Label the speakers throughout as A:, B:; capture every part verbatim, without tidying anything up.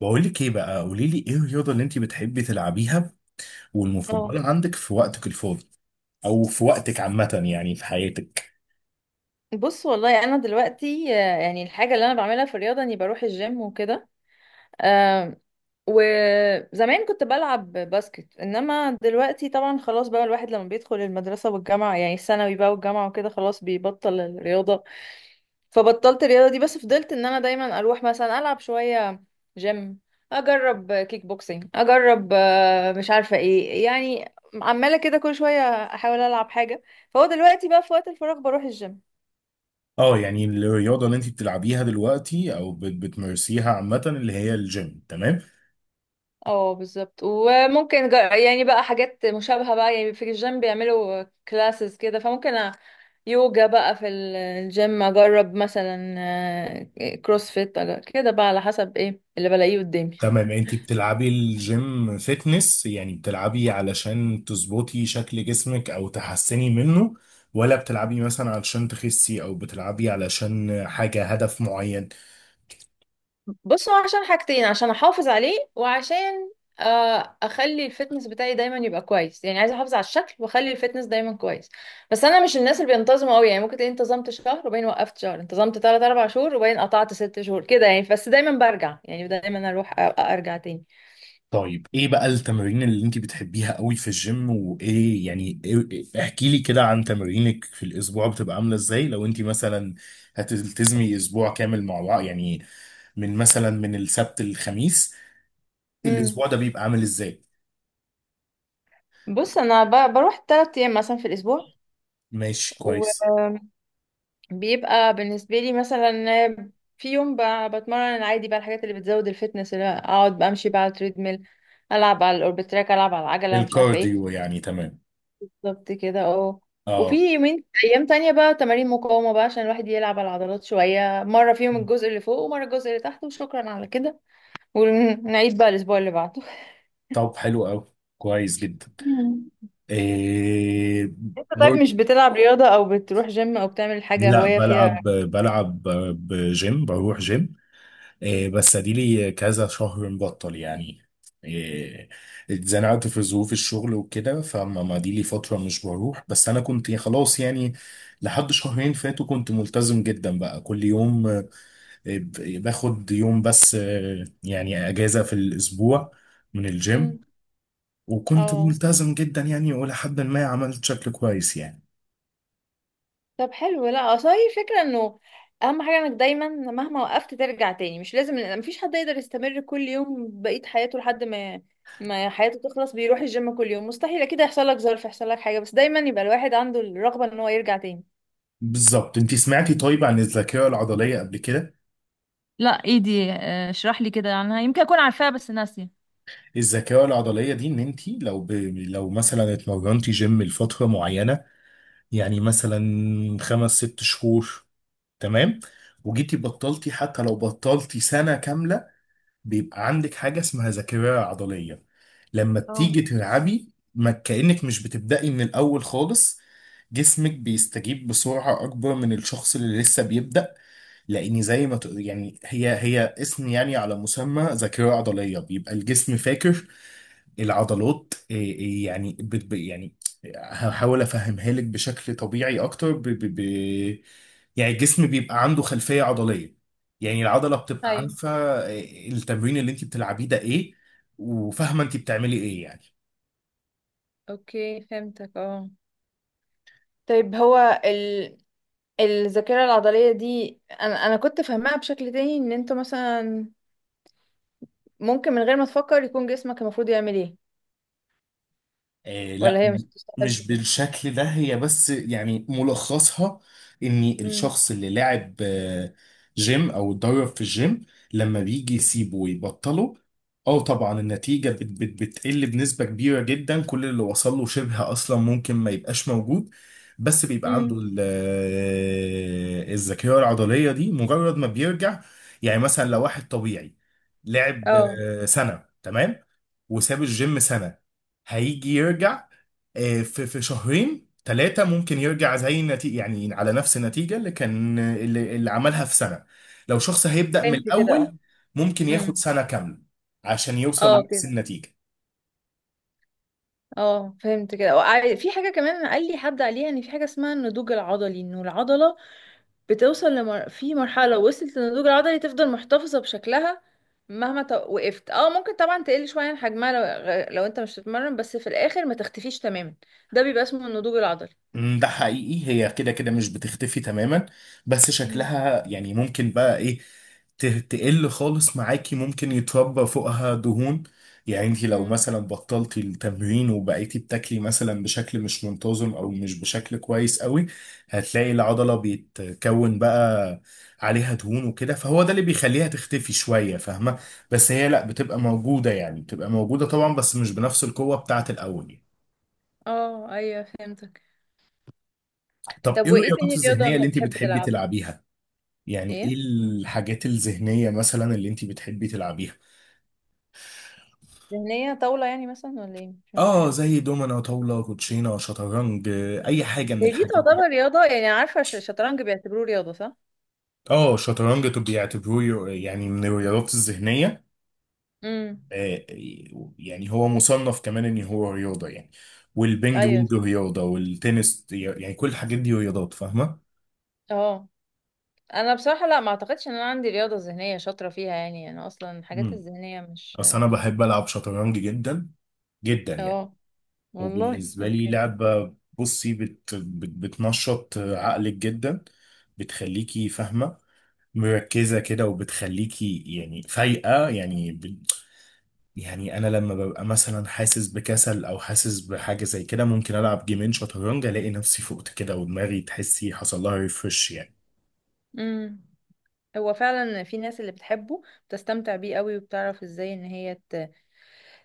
A: بقول لك ايه بقى، قولي لي ايه الرياضه اللي انت بتحبي تلعبيها
B: اه.
A: والمفضله عندك في وقتك الفاضي، او في وقتك عامه يعني في حياتك؟
B: بص والله انا دلوقتي آه، يعني الحاجه اللي انا بعملها في الرياضه اني بروح الجيم وكده. آم، وزمان كنت بلعب باسكت، انما دلوقتي طبعا خلاص بقى الواحد لما بيدخل المدرسه والجامعه، يعني الثانوي بقى والجامعه وكده، خلاص بيبطل الرياضه. فبطلت الرياضه دي، بس فضلت ان انا دايما اروح مثلا العب شويه جيم، اجرب كيك بوكسينج، اجرب آه، مش عارفه ايه يعني. عماله كده كل شويه احاول العب حاجه. فهو دلوقتي بقى في وقت الفراغ بروح الجيم.
A: اه يعني الرياضه اللي انت بتلعبيها دلوقتي او بت- بتمارسيها عامه اللي هي الجيم، تمام.
B: اه بالظبط. وممكن جا- يعني بقى حاجات مشابهة بقى، يعني في الجيم بيعملوا كلاسز كده، فممكن أ- يوجا بقى في ال- الجيم اجرب مثلا، آه، كروسفيت، أج- كده بقى على حسب ايه اللي بلاقيه قدامي.
A: تمام، انت بتلعبي الجيم فيتنس يعني بتلعبي علشان تظبطي شكل جسمك او تحسني منه، ولا بتلعبي مثلا علشان تخسي او بتلعبي علشان حاجه هدف معين؟
B: بص، هو عشان حاجتين، عشان احافظ عليه وعشان آه، اخلي الفتنس بتاعي دايما يبقى كويس. يعني عايزه احافظ على الشكل واخلي الفتنس دايما كويس. بس انا مش الناس اللي بينتظموا قوي، يعني ممكن تلاقيني انتظمت شهر وبعدين وقفت شهر، انتظمت تلات اربع شهور وبعدين قطعت ست شهور كده يعني، بس دايما برجع، يعني دايما اروح أ- ارجع تاني.
A: طيب، ايه بقى التمارين اللي انت بتحبيها قوي في الجيم وايه يعني إيه، إيه- احكي لي كده عن تمارينك في الاسبوع، بتبقى عامله ازاي لو انت مثلا هتلتزمي اسبوع كامل مع بعض يعني، من مثلا من السبت للخميس،
B: امم
A: الاسبوع ده بيبقى عامل ازاي؟
B: بص انا ب- بروح تلات ايام مثلا في الاسبوع.
A: ماشي، كويس.
B: بيبقى بالنسبة لي مثلا في يوم ب- بتمرن عادي بقى الحاجات اللي بتزود الفتنس، اللي اقعد بمشي بقى على التريدميل، العب على الاوربت تراك، العب على العجلة، مش عارفة ايه.
A: الكارديو يعني، تمام.
B: بالظبط كده اه. وفي
A: اه.
B: يومين ايام تانية بقى تمارين مقاومة بقى عشان الواحد يلعب على العضلات شوية، مرة فيهم الجزء اللي فوق ومرة الجزء اللي تحت وشكرا على كده، ونعيد بقى الاسبوع اللي بعده.
A: طب حلو قوي، كويس جدا.
B: مم.
A: إيه؟
B: انت طيب مش
A: برضه،
B: بتلعب رياضة او بتروح جيم او بتعمل حاجة
A: لا
B: هواية فيها؟
A: بلعب بلعب، بجيم بروح جيم. إيه
B: مم.
A: بس اديلي كذا شهر مبطل يعني. إيه. اتزنقت في ظروف الشغل وكده، فما ما دي لي فترة مش بروح، بس انا كنت خلاص يعني، لحد شهرين فاتوا كنت ملتزم جدا بقى كل يوم، آه، ب- باخد يوم بس، آه، يعني اجازة في الاسبوع من الجيم.
B: مم.
A: وكنت
B: اه.
A: ملتزم جدا يعني، والى حد ما عملت شكل كويس يعني.
B: طب حلو. لا اصل هي الفكره انه اهم حاجه انك دايما مهما وقفت ترجع تاني، مش لازم، مفيش حد يقدر يستمر كل يوم بقيه حياته لحد ما ما حياته تخلص بيروح الجيم كل يوم، مستحيل، اكيد هيحصل لك ظرف، يحصل لك حاجه، بس دايما يبقى الواحد عنده الرغبه ان هو يرجع تاني.
A: بالظبط، انتي سمعتي طيب عن الذاكرة العضلية قبل كده؟
B: لا، ايه دي؟ آه، اشرح لي كده عنها، يمكن اكون عارفاها بس ناسيه.
A: الذكاء العضلية دي ان انت لو ب... لو مثلا اتمرنتي جيم لفترة معينة، يعني مثلا خمس ست شهور، تمام، وجيتي بطلتي حتى لو بطلتي سنة كاملة، بيبقى عندك حاجة اسمها ذاكرة عضلية. لما بتيجي
B: اه،
A: تلعبي ما كأنك مش بتبدأي من الأول خالص، جسمك بيستجيب بسرعة أكبر من الشخص اللي لسه بيبدأ. لاني زي ما تقول يعني هي هي اسم يعني على مسمى، ذاكره عضليه، بيبقى الجسم فاكر العضلات إيه إيه يعني بت ب- يعني هحاول افهمها لك بشكل طبيعي اكتر ب ب ب يعني الجسم بيبقى عنده خلفيه عضليه، يعني العضله بتبقى
B: ايوه،
A: عارفه إيه التمرين اللي انت بتلعبيه ده ايه، وفاهمه انت بتعملي ايه يعني.
B: اوكي فهمتك اه. طيب هو ال… الذاكرة العضلية دي أنا أنا كنت فاهماها بشكل تاني، إن أنتوا مثلا ممكن من غير ما تفكر يكون جسمك المفروض يعمل ايه؟
A: آه لا،
B: ولا هي
A: م-
B: مش بتشتغلش
A: مش
B: كده؟
A: بالشكل ده هي، بس يعني ملخصها ان
B: امم.
A: الشخص اللي لعب آه، جيم او اتدرب في الجيم، لما بيجي يسيبه ويبطله، اه طبعا النتيجة بت بت بتقل بنسبة كبيرة جدا، كل اللي وصل له شبه اصلا ممكن ما يبقاش موجود، بس بيبقى عنده
B: امم.
A: ال- آه، الذاكرة العضلية دي مجرد ما بيرجع. يعني مثلا لو واحد طبيعي لعب
B: اه
A: آه، سنة، تمام، وساب الجيم سنة، هيجي يرجع آه، في في شهرين ثلاثة ممكن يرجع زي النتيجة، يعني على نفس النتيجة اللي كان اللي, اللي عملها في سنة. لو شخص هيبدأ من
B: فهمت كده. اه.
A: الأول ممكن ياخد
B: امم.
A: سنة كاملة عشان يوصل
B: اه
A: لنفس
B: كده.
A: النتيجة.
B: اه فهمت كده. وع- في حاجة كمان قال لي حد عليها، ان في حاجة اسمها النضوج العضلي، انه العضلة بتوصل لمر… في مرحلة لو وصلت للنضوج العضلي تفضل محتفظة بشكلها مهما ت… وقفت. اه ممكن طبعا تقل شوية عن حجمها لو… لو انت مش بتتمرن، بس في الاخر ما تختفيش تماما. ده بيبقى اسمه النضوج العضلي.
A: مم، ده حقيقي، هي كده كده مش بتختفي تماما، بس
B: امم.
A: شكلها يعني ممكن بقى ايه، ت- تقل خالص معاكي، ممكن يتربى فوقها دهون، يعني انت لو
B: امم.
A: مثلا بطلتي التمرين وبقيتي بتاكلي مثلا بشكل مش منتظم او مش بشكل كويس قوي، هتلاقي العضلة بيتكون بقى عليها دهون وكده، فهو ده اللي بيخليها تختفي شوية، فاهمة؟ بس هي لا بتبقى موجودة، يعني بتبقى موجودة طبعا بس مش بنفس القوة بتاعت الأول يعني.
B: اه ايوه فهمتك.
A: طب
B: طب
A: ايه
B: وايه
A: الرياضات
B: تاني رياضة
A: الذهنية
B: انت
A: اللي انت
B: بتحب
A: بتحبي
B: تلعب؟
A: تلعبيها؟ يعني ايه
B: ايه
A: الحاجات الذهنية مثلا اللي انت بتحبي تلعبيها؟
B: ذهنية؟ طاولة يعني مثلا ولا ايه؟ مش فاهم.
A: اه، زي دومنا، طاولة، كوتشينة، شطرنج، آه، اي حاجة من
B: هي دي
A: الحاجات دي.
B: تعتبر رياضة؟ يعني عارفة الش- الشطرنج بيعتبروه رياضة صح؟
A: اه شطرنج، طب بيعتبروه يعني من الرياضات الذهنية،
B: امم.
A: آه، يعني هو مصنف كمان ان هو رياضة يعني، والبينج
B: ايوه
A: بونج
B: صح.
A: رياضة، والتنس، يعني كل الحاجات دي رياضات، فاهمة؟
B: اه. انا بصراحة لا، ما اعتقدش ان انا عندي رياضة ذهنية شاطرة فيها، يعني انا اصلا الحاجات
A: امم
B: الذهنية مش…
A: اصل انا بحب العب شطرنج جدا جدا يعني.
B: اه، والله
A: وبالنسبة لي
B: اوكي.
A: لعبة، بصي بت بت بتنشط عقلك جدا، بتخليكي فاهمة، مركزة كده، وبتخليكي يعني فايقة يعني ب... يعني أنا لما ببقى مثلا حاسس بكسل أو حاسس بحاجة زي كده، ممكن ألعب جيمين شطرنج، ألاقي نفسي فقت كده ودماغي تحسي حصل لها ريفرش يعني.
B: امم. هو فعلا في ناس اللي بتحبه، بتستمتع بيه قوي، وبتعرف ازاي ان هي ت…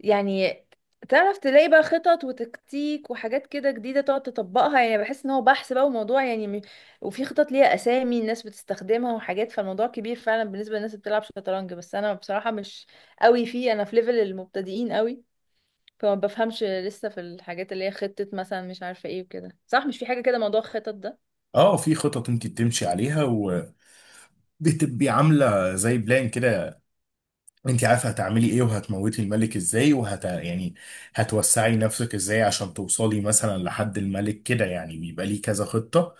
B: يعني تعرف تلاقي بقى خطط وتكتيك وحاجات كده جديدة تقعد تطبقها، يعني بحس ان هو بحث بقى وموضوع يعني م- وفي خطط ليها اسامي الناس بتستخدمها وحاجات، فالموضوع كبير فعلا بالنسبة للناس اللي بتلعب شطرنج. بس انا بصراحة مش قوي فيه، انا في ليفل المبتدئين قوي، فما بفهمش لسه في الحاجات اللي هي خطة مثلا مش عارفة ايه وكده. صح، مش في حاجة كده موضوع الخطط ده؟
A: اه، في خطط انت بتمشي عليها وبتبقي عاملة زي بلان كده، انت عارفه هتعملي ايه وهتموتي الملك ازاي، وهت يعني هتوسعي نفسك ازاي عشان توصلي مثلا لحد الملك كده، يعني بيبقى ليه كذا خطة،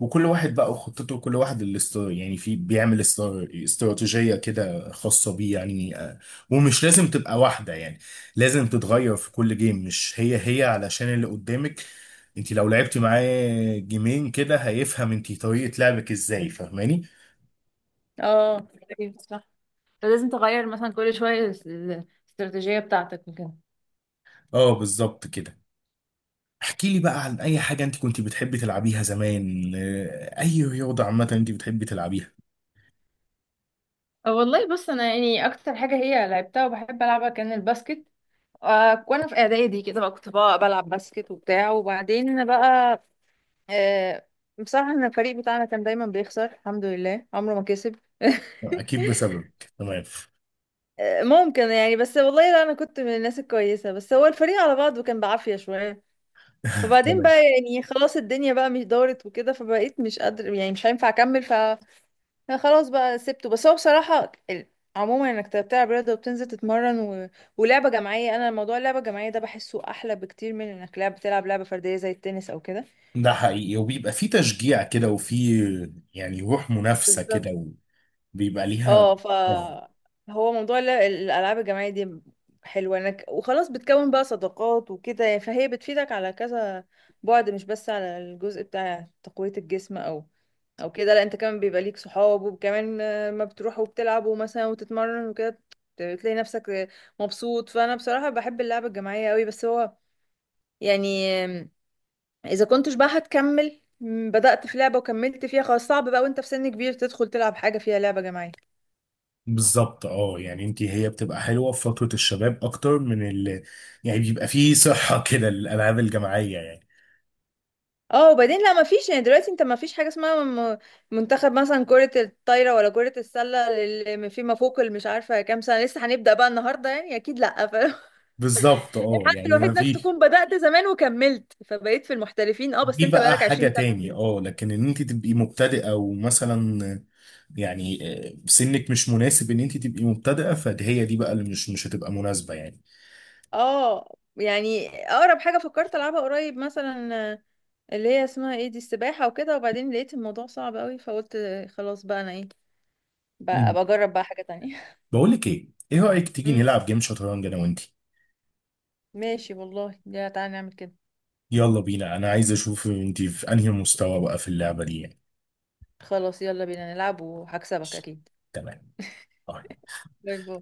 A: وكل واحد بقى وخطته، كل واحد اللي است... يعني في بيعمل است... استراتيجية كده خاصة بيه يعني، آه، ومش لازم تبقى واحدة يعني، لازم تتغير في كل جيم، مش هي هي علشان اللي قدامك، انت لو لعبتي معاه جيمين كده هيفهم انت طريقة لعبك ازاي، فاهماني؟
B: اه، أيوة صح. فلازم تغير مثلا كل شوية الاستراتيجية بتاعتك.
A: اه بالظبط كده. احكي لي بقى عن اي حاجة انت كنت بتحبي تلعبيها زمان، آه، اي رياضة عامة انت بتحبي تلعبيها.
B: والله بص انا يعني اكتر حاجه هي لعبتها وبحب العبها كان الباسكت. آه، وانا في اعدادي كده بقى كنت بقى بلعب باسكت وبتاع، وبعدين انا بقى آه، بصراحه انا الفريق بتاعنا كان دايما بيخسر، الحمد لله عمره ما كسب.
A: اكيد بسببك، تمام.
B: آه، ممكن يعني، بس والله لا انا كنت من الناس الكويسه، بس هو الفريق على بعضه كان بعافيه شويه، فبعدين
A: تمام،
B: بقى يعني خلاص الدنيا بقى مش دارت وكده، فبقيت مش قادر يعني مش هينفع اكمل. لا خلاص بقى سبته. بس هو بصراحة ال- عموما انك ت- بتلعب رياضة وبتنزل تتمرن و… ولعبة جماعية، انا موضوع اللعبة الجماعية ده بحسه احلى بكتير من انك لعب بتلعب لعبة فردية زي التنس او كده.
A: ده حقيقي، وبيبقى في تشجيع كده، وفي يعني روح منافسة
B: بالظبط
A: كده، وبيبقى ليها،
B: اه. ف
A: اه.
B: هو موضوع ال- الالعاب الجماعيه دي حلوه، انك وخلاص بتكون بقى صداقات وكده يعني، فهي بتفيدك على كذا، بعد مش بس على الجزء بتاع تقويه الجسم او او كده، لا، انت كمان بيبقى ليك صحاب، وكمان ما بتروحوا وبتلعبوا مثلا وتتمرن وكده، بتلاقي نفسك مبسوط. فانا بصراحه بحب اللعبه الجماعيه قوي، بس هو يعني اذا كنتش بقى هتكمل، بدأت في لعبة وكملت فيها، خلاص صعب بقى وانت في سن كبير تدخل تلعب حاجة فيها لعبة جماعية.
A: بالظبط اه، يعني انت هي بتبقى حلوة في فترة الشباب اكتر من ال، يعني بيبقى في صحة كده للالعاب الجماعية يعني.
B: اه وبعدين لا، ما فيش يعني دلوقتي، انت ما فيش حاجه اسمها م- منتخب مثلا كره الطايره ولا كره السله اللي فيما فوق اللي مش عارفه كام سنه لسه هنبدا بقى النهارده يعني، اكيد لا. فالحل
A: بالظبط اه، يعني
B: الوحيد
A: ما
B: انك
A: في،
B: تكون بدات زمان وكملت فبقيت في المحترفين، اه بس
A: دي
B: انت
A: بقى
B: بقالك
A: حاجة
B: عشرين
A: تاني.
B: سنه.
A: اه لكن ان انت تبقي مبتدئة ومثلا يعني، آه، سنك مش مناسب ان انت تبقي مبتدئة، فهي دي بقى اللي مش مش هتبقى مناسبة يعني.
B: اه يعني اقرب حاجه فكرت العبها قريب مثلا آه، اللي هي اسمها ايه دي، السباحه وكده، وبعدين لقيت الموضوع صعب قوي، فقلت آه، خلاص بقى انا ايه، بقى
A: مم.
B: بجرب بقى حاجه تانية.
A: بقول لك ايه، ايه رأيك تيجي
B: امم.
A: نلعب جيم شطرنج انا وانت؟
B: ماشي والله، يا تعالى نعمل كده.
A: يلا بينا، انا عايز اشوف انت في انهي مستوى بقى في اللعبة دي يعني.
B: خلاص يلا بينا نلعب وهكسبك اكيد.
A: تمام.
B: باي باي.